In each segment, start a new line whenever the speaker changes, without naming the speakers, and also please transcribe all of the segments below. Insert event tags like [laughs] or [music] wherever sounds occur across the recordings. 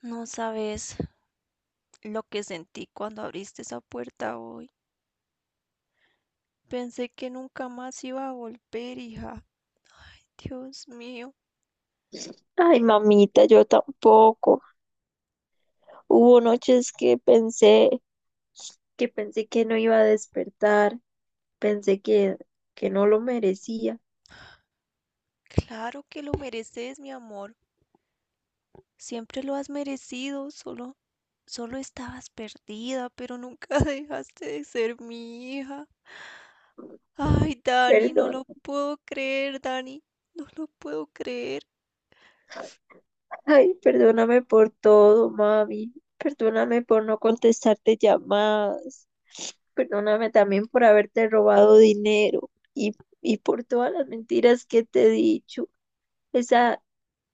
No sabes lo que sentí cuando abriste esa puerta hoy. Pensé que nunca más iba a volver, hija. Dios mío,
Ay, mamita, yo tampoco. Hubo noches que pensé que no iba a despertar, pensé que, que no lo merecía.
claro que lo mereces, mi amor. Siempre lo has merecido, solo estabas perdida, pero nunca [laughs] dejaste de ser mi hija. Ay, Dani, no
Perdón.
lo puedo creer, Dani. No lo puedo creer.
Ay, perdóname por todo, mami. Perdóname por no contestarte llamadas. Perdóname también por haberte robado dinero y por todas las mentiras que te he dicho. Esa,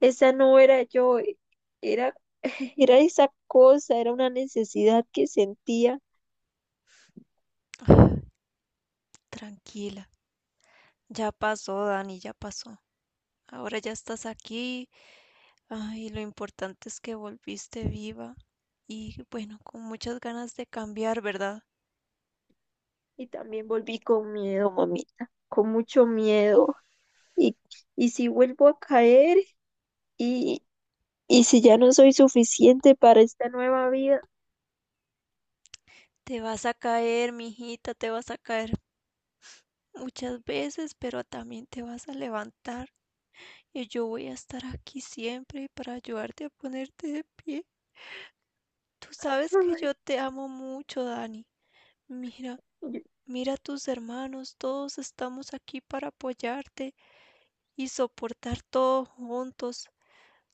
esa no era yo, era, [laughs] era esa cosa, era una necesidad que sentía.
Ah, Tranquila, ya pasó, Dani, ya pasó. Ahora ya estás aquí. Ay, lo importante es que volviste viva y bueno, con muchas ganas de cambiar, ¿verdad?
Y también volví con miedo, mamita, con mucho miedo. Y, y si vuelvo a caer y, y si ya no soy suficiente para esta nueva vida.
Te vas a caer, mijita, te vas a caer muchas veces, pero también te vas a levantar y yo voy a estar aquí siempre para ayudarte a ponerte de pie. Tú sabes que
Ay,
yo te amo mucho, Dani. Mira,
yo-
mira a tus hermanos, todos estamos aquí para apoyarte y soportar todo juntos.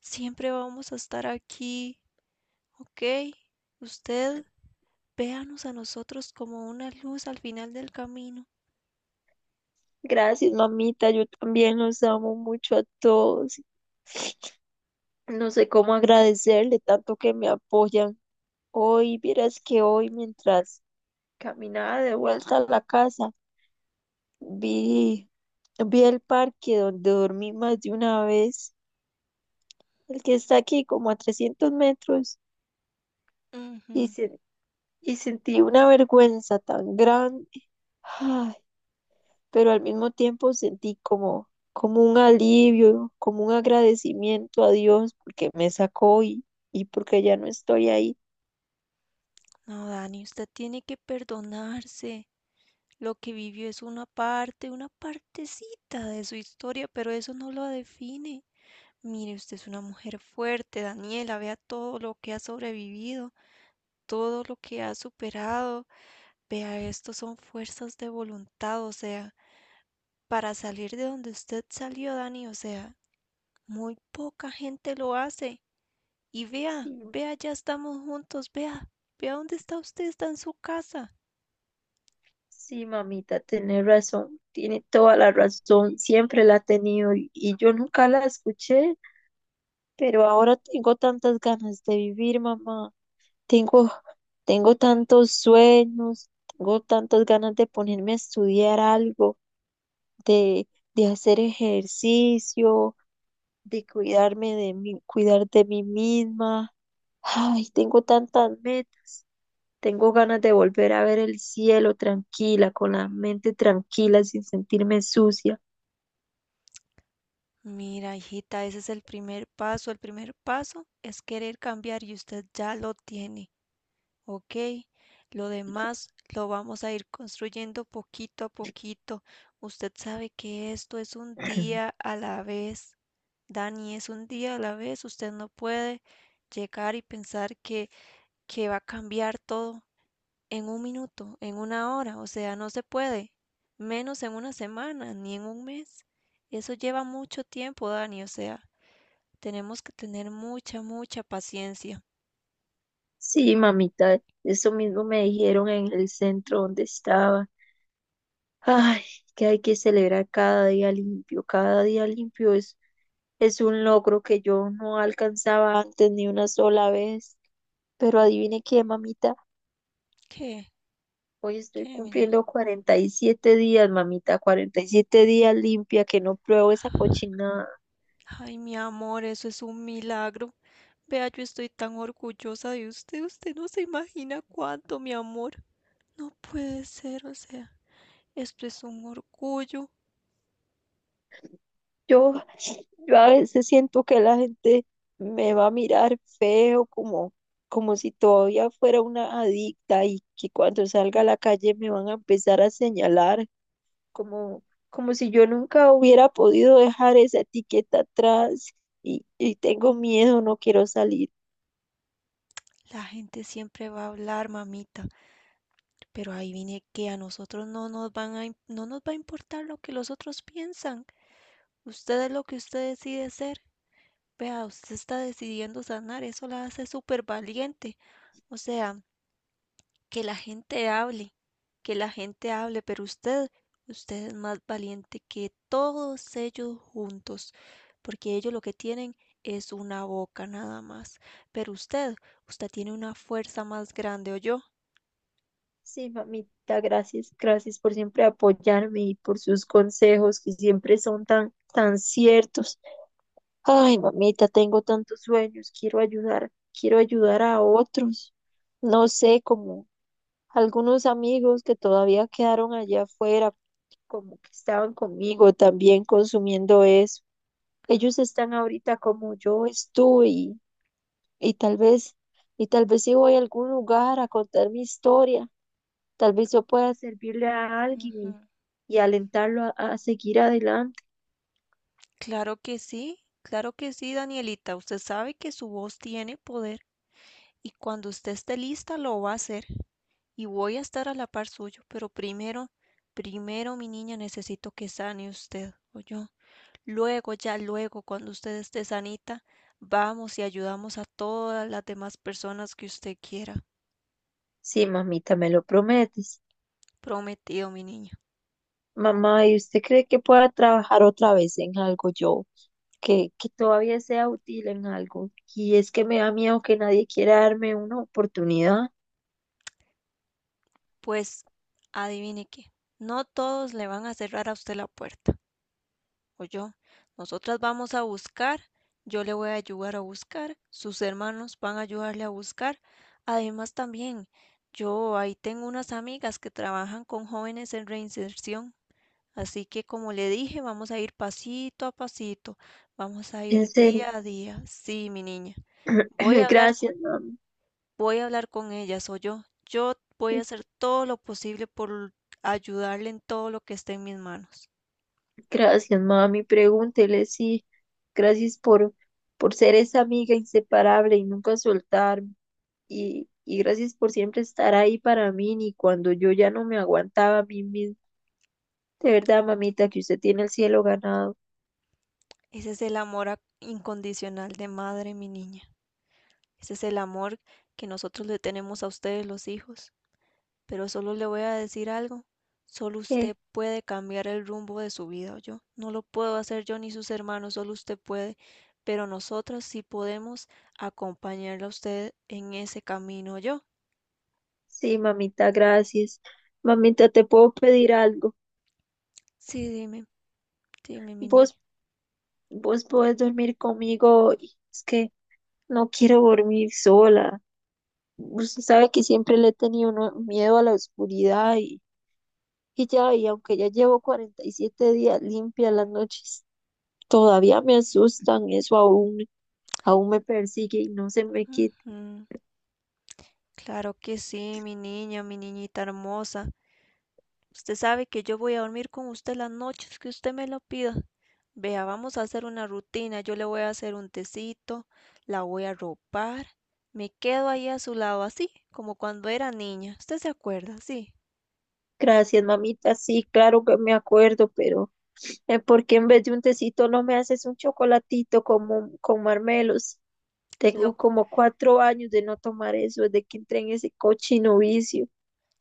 Siempre vamos a estar aquí. Ok, usted véanos a nosotros como una luz al final del camino.
gracias, mamita, yo también los amo mucho a todos. No sé cómo agradecerle tanto que me apoyan. Hoy, vieras que hoy mientras caminaba de vuelta a la casa, vi, vi el parque donde dormí más de una vez, el que está aquí como a 300 metros.
Ujú.
Y, sen- y sentí una vergüenza tan grande, ay, pero al mismo tiempo sentí como un alivio, como un agradecimiento a Dios porque me sacó y porque ya no estoy ahí.
No, Dani, usted tiene que perdonarse. Lo que vivió es una parte, una partecita de su historia, pero eso no lo define. Mire, usted es una mujer fuerte, Daniela, vea todo lo que ha sobrevivido, todo lo que ha superado. Vea, esto son fuerzas de voluntad, o sea, para salir de donde usted salió, Dani, o sea, muy poca gente lo hace. Y vea,
Sí,
vea, ya estamos juntos, vea, vea dónde está usted, está en su casa.
sí, mamita, tenés razón, tiene toda la razón, siempre la ha tenido y yo nunca la escuché, pero ahora tengo tantas ganas de vivir, mamá, tengo, tengo tantos sueños, tengo tantas ganas de ponerme a estudiar algo. de, de hacer ejercicio, de cuidarme de mí, cuidar de mí misma. Ay, tengo tantas metas. Tengo ganas de volver a ver el cielo tranquila, con la mente tranquila, sin sentirme sucia.
Mira, hijita, ese es el primer paso. El primer paso es querer cambiar y usted ya lo tiene. Ok, lo demás lo vamos a ir construyendo poquito a poquito. Usted sabe que esto es un día a la vez. Dani, es un día a la vez. Usted no puede llegar y pensar que va a cambiar todo en un minuto, en una hora. O sea, no se puede. Menos en una semana, ni en un mes. Eso lleva mucho tiempo, Dani. O sea, tenemos que tener mucha, mucha paciencia.
Sí, mamita, eso mismo me dijeron en el centro donde estaba. Ay, que hay que celebrar cada día limpio. Es un logro que yo no alcanzaba antes ni una sola vez. Pero adivine qué, mamita.
¿Qué?
Hoy estoy
¿Qué, mi niña?
cumpliendo 47 días, mamita, 47 días limpia, que no pruebo esa cochinada.
Ay, mi amor, eso es un milagro. Vea, yo estoy tan orgullosa de usted. Usted no se imagina cuánto, mi amor. No puede ser, o sea, esto es un orgullo.
Yo, yo a veces siento que la gente me va a mirar feo, como si todavía fuera una adicta y que cuando salga a la calle me van a empezar a señalar, como, como si yo nunca hubiera podido dejar esa etiqueta atrás y tengo miedo, no quiero salir.
La gente siempre va a hablar, mamita, pero ahí viene que a nosotros no nos va a importar lo que los otros piensan. Usted es lo que usted decide ser. Vea, usted está decidiendo sanar, eso la hace súper valiente. O sea, que la gente hable, que la gente hable, pero usted, usted es más valiente que todos ellos juntos, porque ellos lo que tienen es una boca nada más. Pero usted, usted tiene una fuerza más grande, yo.
Sí, mamita, gracias, gracias por siempre apoyarme y por sus consejos que siempre son tan ciertos. Ay, mamita, tengo tantos sueños, quiero ayudar a otros. No sé, como algunos amigos que todavía quedaron allá afuera, como que estaban conmigo también consumiendo eso. Ellos están ahorita como yo estuve y tal vez, y tal vez si voy a algún lugar a contar mi historia, tal vez yo pueda servirle a
Ujú.
alguien y alentarlo a seguir adelante.
Claro que sí, Danielita. Usted sabe que su voz tiene poder y cuando usted esté lista lo va a hacer y voy a estar a la par suyo. Pero primero, primero, mi niña, necesito que sane usted, yo. Luego, ya luego, cuando usted esté sanita, vamos y ayudamos a todas las demás personas que usted quiera.
Sí, mamita, me lo prometes.
Prometido, mi niña.
Mamá, ¿y usted cree que pueda trabajar otra vez en algo yo? Que todavía sea útil en algo. Y es que me da miedo que nadie quiera darme una oportunidad.
Pues, adivine qué, no todos le van a cerrar a usted la puerta. Oyó, nosotras vamos a buscar, yo le voy a ayudar a buscar, sus hermanos van a ayudarle a buscar. Además también, yo ahí tengo unas amigas que trabajan con jóvenes en reinserción, así que como le dije, vamos a ir pasito a pasito, vamos a
En
ir
serio.
día a día. Sí, mi niña,
[clears throat]
voy
[laughs]
a hablar,
Gracias, mami.
voy a hablar con ellas, oyó, yo voy a hacer todo lo posible por ayudarle en todo lo que esté en mis manos.
Gracias, mami. Pregúntele, sí. Gracias por, por ser esa amiga inseparable y nunca soltarme. Y gracias por siempre estar ahí para mí, ni cuando yo ya no me aguantaba a mí misma. De verdad, mamita, que usted tiene el cielo ganado.
Ese es el amor incondicional de madre, mi niña. Ese es el amor que nosotros le tenemos a ustedes los hijos. Pero solo le voy a decir algo. Solo usted
¿Qué?
puede cambiar el rumbo de su vida, yo. No lo puedo hacer yo ni sus hermanos, solo usted puede. Pero nosotras sí podemos acompañarla a usted en ese camino, yo.
Sí, mamita, gracias. Mamita, te puedo pedir algo.
Sí, dime, dime, mi niña.
Vos, vos podés dormir conmigo hoy. Es que no quiero dormir sola. Usted sabe que siempre le he tenido miedo a la oscuridad y aunque ya llevo 47 días limpia las noches, todavía me asustan. Aún me persigue y no se me quita.
Ujú. Claro que sí, mi niña, mi niñita hermosa. Usted sabe que yo voy a dormir con usted las noches que usted me lo pida. Vea, vamos a hacer una rutina. Yo le voy a hacer un tecito, la voy a ropar. Me quedo ahí a su lado, así como cuando era niña. ¿Usted se acuerda? Sí.
Gracias, mamita. Sí, claro que me acuerdo, pero... ¿por qué en vez de un tecito no me haces un chocolatito con marmelos?
Lo,
Tengo como 4 años de no tomar eso, desde que entré en ese cochino vicio.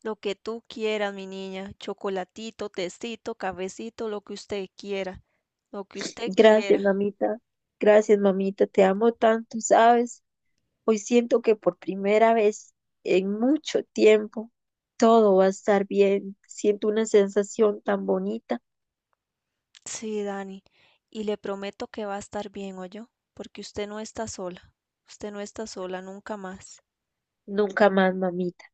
lo que tú quieras, mi niña. Chocolatito, tecito, cafecito, lo que usted quiera. Lo que usted
Gracias,
quiera.
mamita. Gracias, mamita. Te amo tanto, ¿sabes? Hoy siento que por primera vez en mucho tiempo todo va a estar bien. Siento una sensación tan bonita.
Sí, Dani. Y le prometo que va a estar bien, yo, porque usted no está sola. Usted no está sola nunca más.
Nunca más, mamita.